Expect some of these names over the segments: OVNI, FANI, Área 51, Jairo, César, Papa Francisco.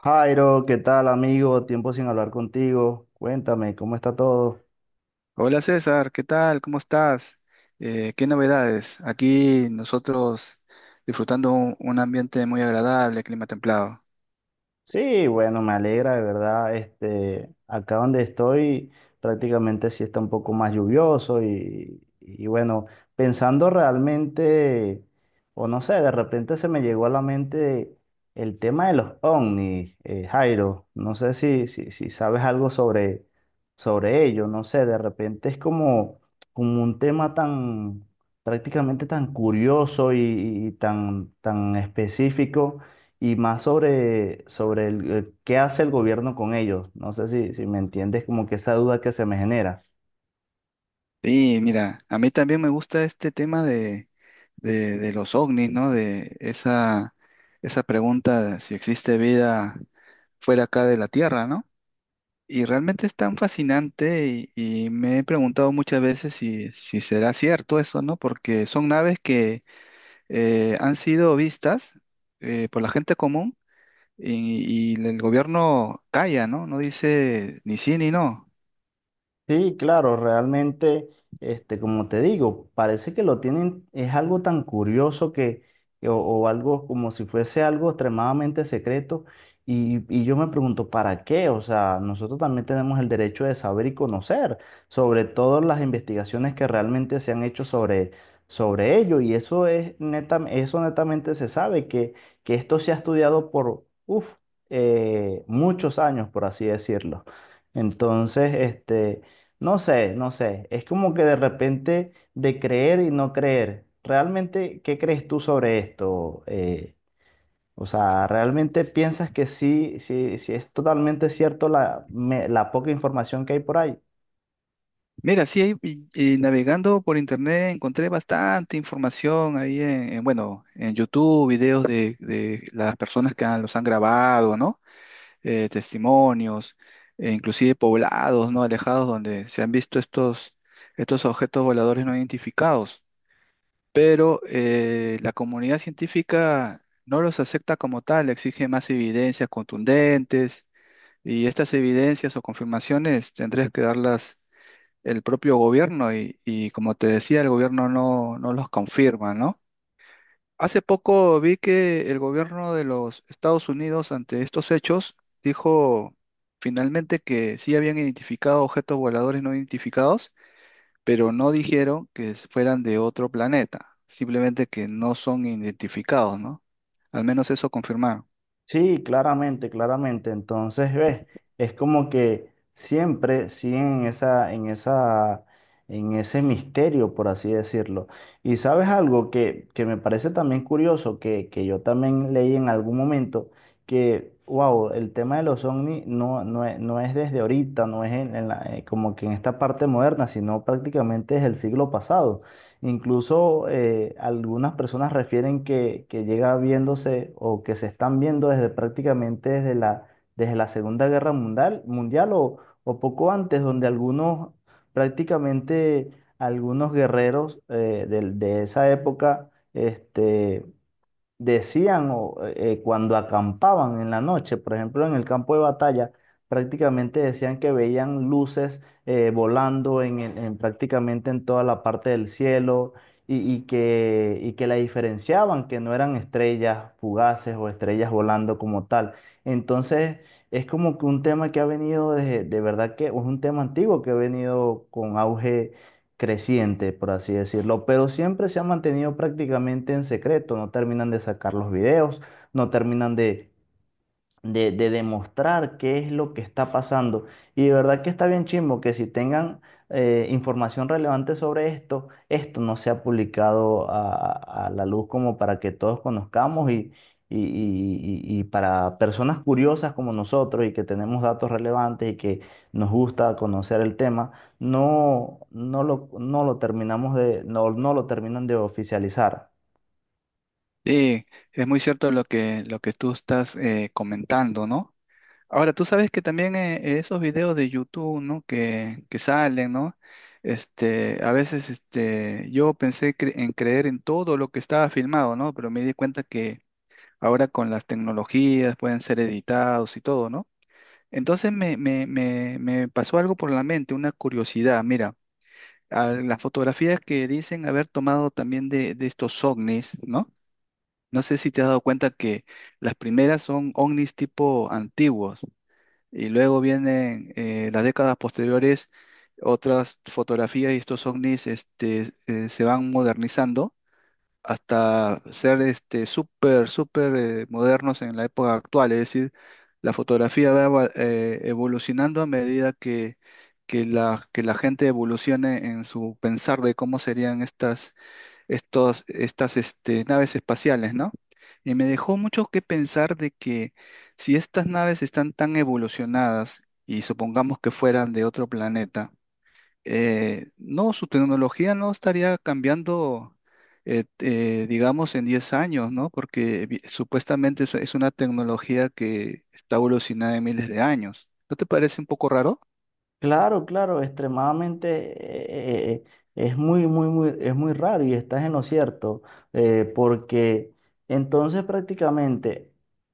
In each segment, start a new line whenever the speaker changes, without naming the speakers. Jairo, ¿qué tal, amigo? Tiempo sin hablar contigo. Cuéntame, ¿cómo está todo?
Hola César, ¿qué tal? ¿Cómo estás? ¿Qué novedades? Aquí nosotros disfrutando un ambiente muy agradable, clima templado.
Sí, bueno, me alegra, de verdad. Este, acá donde estoy, prácticamente sí está un poco más lluvioso y bueno, pensando realmente, o no sé, de repente se me llegó a la mente el tema de los ovnis, Jairo. No sé si sabes algo sobre ello, no sé, de repente es como un tema tan, prácticamente tan curioso y tan específico y más sobre qué hace el gobierno con ellos. No sé si me entiendes como que esa duda que se me genera.
Sí, mira, a mí también me gusta este tema de los ovnis, ¿no? De esa pregunta de si existe vida fuera acá de la Tierra, ¿no? Y realmente es tan fascinante y me he preguntado muchas veces si será cierto eso, ¿no? Porque son naves que han sido vistas por la gente común y el gobierno calla, ¿no? No dice ni sí ni no.
Sí, claro, realmente, este, como te digo, parece que lo tienen, es algo tan curioso que, o algo como si fuese algo extremadamente secreto. Y yo me pregunto, ¿para qué? O sea, nosotros también tenemos el derecho de saber y conocer, sobre todo las investigaciones que realmente se han hecho sobre ello. Y eso es neta, eso netamente se sabe, que esto se ha estudiado por, uf, muchos años, por así decirlo. Entonces, este. No sé, no sé. Es como que de repente de creer y no creer. ¿Realmente qué crees tú sobre esto? O sea, ¿realmente piensas que sí, sí, sí es totalmente cierto la poca información que hay por ahí?
Mira, sí, ahí, y navegando por internet encontré bastante información ahí bueno, en YouTube, videos de las personas que los han grabado, ¿no? Testimonios, e inclusive poblados, ¿no? Alejados donde se han visto estos objetos voladores no identificados. Pero la comunidad científica no los acepta como tal, exige más evidencias contundentes y estas evidencias o confirmaciones tendrías que darlas el propio gobierno y como te decía, el gobierno no los confirma, ¿no? Hace poco vi que el gobierno de los Estados Unidos ante estos hechos dijo finalmente que sí habían identificado objetos voladores no identificados, pero no dijeron que fueran de otro planeta, simplemente que no son identificados, ¿no? Al menos eso confirmaron.
Sí, claramente, claramente. Entonces, ves, es como que siempre siguen en esa, en ese misterio, por así decirlo. Y sabes algo que me parece también curioso, que yo también leí en algún momento, que, wow, el tema de los ovnis no es desde ahorita, no es como que en esta parte moderna, sino prácticamente es el siglo pasado. Incluso algunas personas refieren que llega viéndose o que se están viendo desde prácticamente desde la Segunda Guerra Mundial o poco antes, donde algunos, prácticamente algunos guerreros de, esa época este, decían cuando acampaban en la noche, por ejemplo, en el campo de batalla, prácticamente decían que veían luces volando en prácticamente en toda la parte del cielo y que la diferenciaban, que no eran estrellas fugaces o estrellas volando como tal. Entonces, es como que un tema que ha venido de verdad que es un tema antiguo que ha venido con auge creciente, por así decirlo, pero siempre se ha mantenido prácticamente en secreto, no terminan de sacar los videos, no terminan de de demostrar qué es lo que está pasando. Y de verdad que está bien chimbo que si tengan información relevante sobre esto, esto no sea publicado a la luz como para que todos conozcamos y para personas curiosas como nosotros y que tenemos datos relevantes y que nos gusta conocer el tema, no lo terminamos de, no lo terminan de oficializar.
Sí, es muy cierto lo que tú estás comentando, ¿no? Ahora, tú sabes que también esos videos de YouTube, ¿no? Que salen, ¿no? Este, a veces este, yo pensé en creer en todo lo que estaba filmado, ¿no? Pero me di cuenta que ahora con las tecnologías pueden ser editados y todo, ¿no? Entonces me pasó algo por la mente, una curiosidad. Mira, a las fotografías que dicen haber tomado también de estos ovnis, ¿no? No sé si te has dado cuenta que las primeras son ovnis tipo antiguos y luego vienen las décadas posteriores otras fotografías y estos ovnis se van modernizando hasta ser este súper modernos en la época actual. Es decir, la fotografía va evolucionando a medida que que la gente evolucione en su pensar de cómo serían estas naves espaciales, ¿no? Y me dejó mucho que pensar de que si estas naves están tan evolucionadas y supongamos que fueran de otro planeta, no, su tecnología no estaría cambiando, digamos, en 10 años, ¿no? Porque supuestamente es una tecnología que está evolucionada en miles de años. ¿No te parece un poco raro?
Claro, claro, extremadamente es muy, muy, muy, es muy raro y estás en lo cierto, porque entonces prácticamente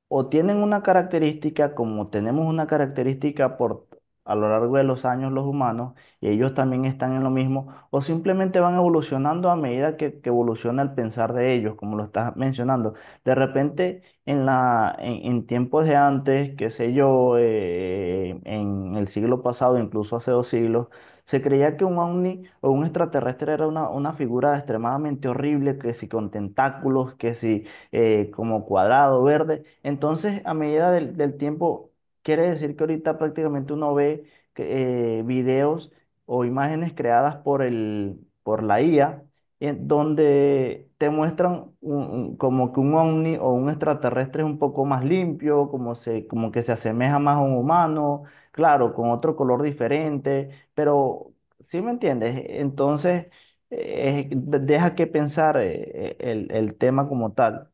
o tienen una característica como tenemos una característica por a lo largo de los años los humanos y ellos también están en lo mismo, o simplemente van evolucionando a medida que evoluciona el pensar de ellos, como lo estás mencionando. De repente en tiempos de antes, qué sé yo, en el siglo pasado, incluso hace 2 siglos, se creía que un ovni o un extraterrestre era una figura extremadamente horrible, que si con tentáculos, que si como cuadrado, verde. Entonces, a medida del tiempo, quiere decir que ahorita prácticamente uno ve que, videos o imágenes creadas por la IA en donde te muestran como que un ovni o un extraterrestre es un poco más limpio, como que se asemeja más a un humano, claro, con otro color diferente, pero ¿sí me entiendes? Entonces, deja que pensar el tema como tal.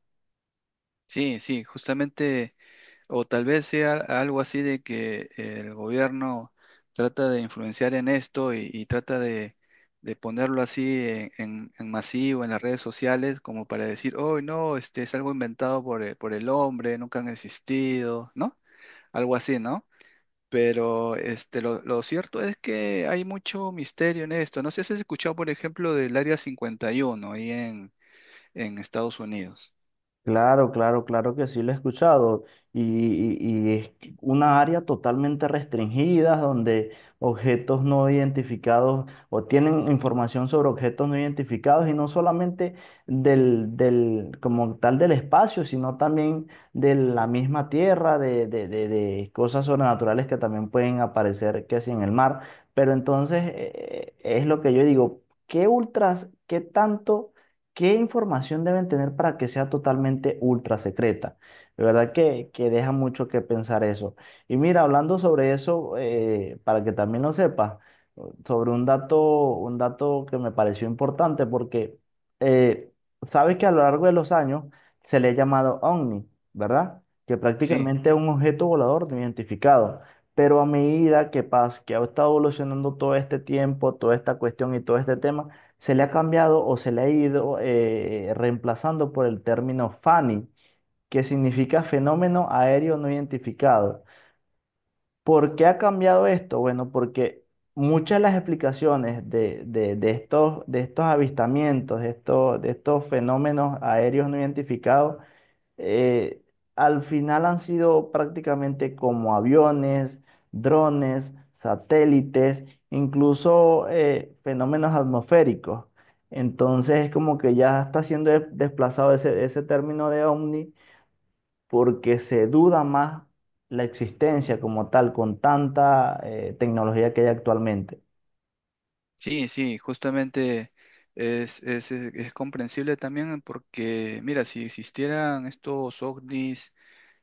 Sí, sí, justamente. O tal vez sea algo así de que el gobierno trata de influenciar en esto y trata de ponerlo así en masivo en las redes sociales como para decir, oh, no, este es algo inventado por el hombre, nunca han existido, ¿no? Algo así, ¿no? Pero este, lo cierto es que hay mucho misterio en esto. No sé si has escuchado, por ejemplo, del Área 51 ahí en Estados Unidos.
Claro, claro, claro que sí lo he escuchado. Y es que una área totalmente restringida donde objetos no identificados o tienen información sobre objetos no identificados y no solamente del, como tal del espacio, sino también de la misma tierra, de cosas sobrenaturales que también pueden aparecer, que si en el mar. Pero entonces es lo que yo digo, ¿qué ultras, qué tanto? ¿Qué información deben tener para que sea totalmente ultra secreta? De verdad que deja mucho que pensar eso. Y mira, hablando sobre eso, para que también lo sepas, sobre un dato que me pareció importante, porque eh, sabes que a lo largo de los años se le ha llamado OVNI, ¿verdad? Que
Sí.
prácticamente es un objeto volador no identificado. Pero a medida que pasa, que ha estado evolucionando todo este tiempo, toda esta cuestión y todo este tema, se le ha cambiado o se le ha ido reemplazando por el término FANI, que significa fenómeno aéreo no identificado. ¿Por qué ha cambiado esto? Bueno, porque muchas de las explicaciones de estos, de estos, avistamientos, de estos fenómenos aéreos no identificados, eh, al final han sido prácticamente como aviones, drones, satélites, incluso fenómenos atmosféricos. Entonces es como que ya está siendo desplazado ese término de ovni porque se duda más la existencia como tal con tanta tecnología que hay actualmente.
Sí, sí, justamente es comprensible también porque, mira, si existieran estos ovnis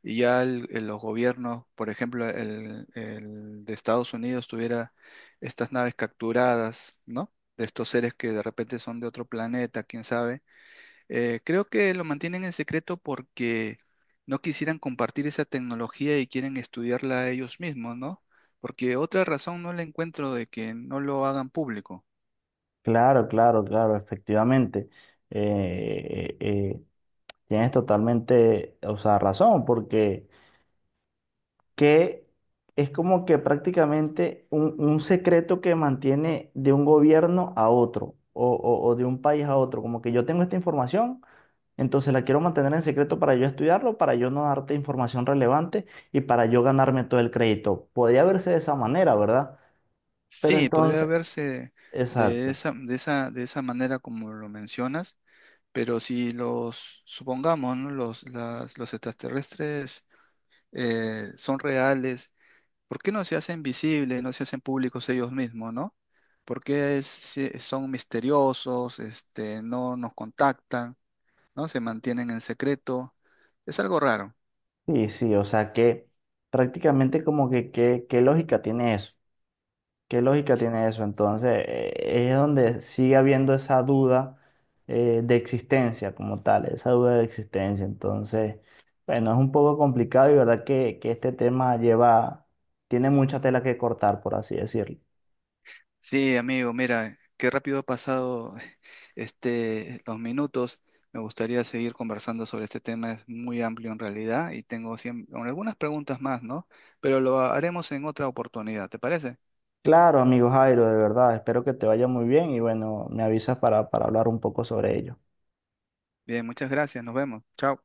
y ya los gobiernos, por ejemplo, el de Estados Unidos tuviera estas naves capturadas, ¿no? De estos seres que de repente son de otro planeta, quién sabe. Creo que lo mantienen en secreto porque no quisieran compartir esa tecnología y quieren estudiarla ellos mismos, ¿no? Porque otra razón no la encuentro de que no lo hagan público.
Claro, claro, claro, efectivamente. Eh, eh, eh, tienes totalmente, o sea, razón porque que es como que prácticamente un secreto que mantiene de un gobierno a otro o de un país a otro. Como que yo tengo esta información, entonces la quiero mantener en secreto para yo estudiarlo, para yo no darte información relevante y para yo ganarme todo el crédito. Podría verse de esa manera, ¿verdad? Pero
Sí, podría
entonces,
verse de
exacto.
de esa manera como lo mencionas, pero si los, supongamos, ¿no? Los extraterrestres son reales, ¿por qué no se hacen visibles, no se hacen públicos ellos mismos, ¿no? ¿Por qué son misteriosos, este, no nos contactan, ¿no? Se mantienen en secreto. Es algo raro.
Sí, sí, o sea que prácticamente como que qué lógica tiene eso. ¿Qué lógica tiene eso? Entonces, es donde sigue habiendo esa duda de existencia como tal, esa duda de existencia. Entonces, bueno, es un poco complicado y verdad que este tema lleva, tiene mucha tela que cortar, por así decirlo.
Sí, amigo, mira, qué rápido ha pasado este, los minutos. Me gustaría seguir conversando sobre este tema, es muy amplio en realidad y tengo con algunas preguntas más, ¿no? Pero lo haremos en otra oportunidad, ¿te parece?
Claro, amigo Jairo, de verdad, espero que te vaya muy bien y bueno, me avisas para hablar un poco sobre ello.
Bien, muchas gracias, nos vemos. Chao.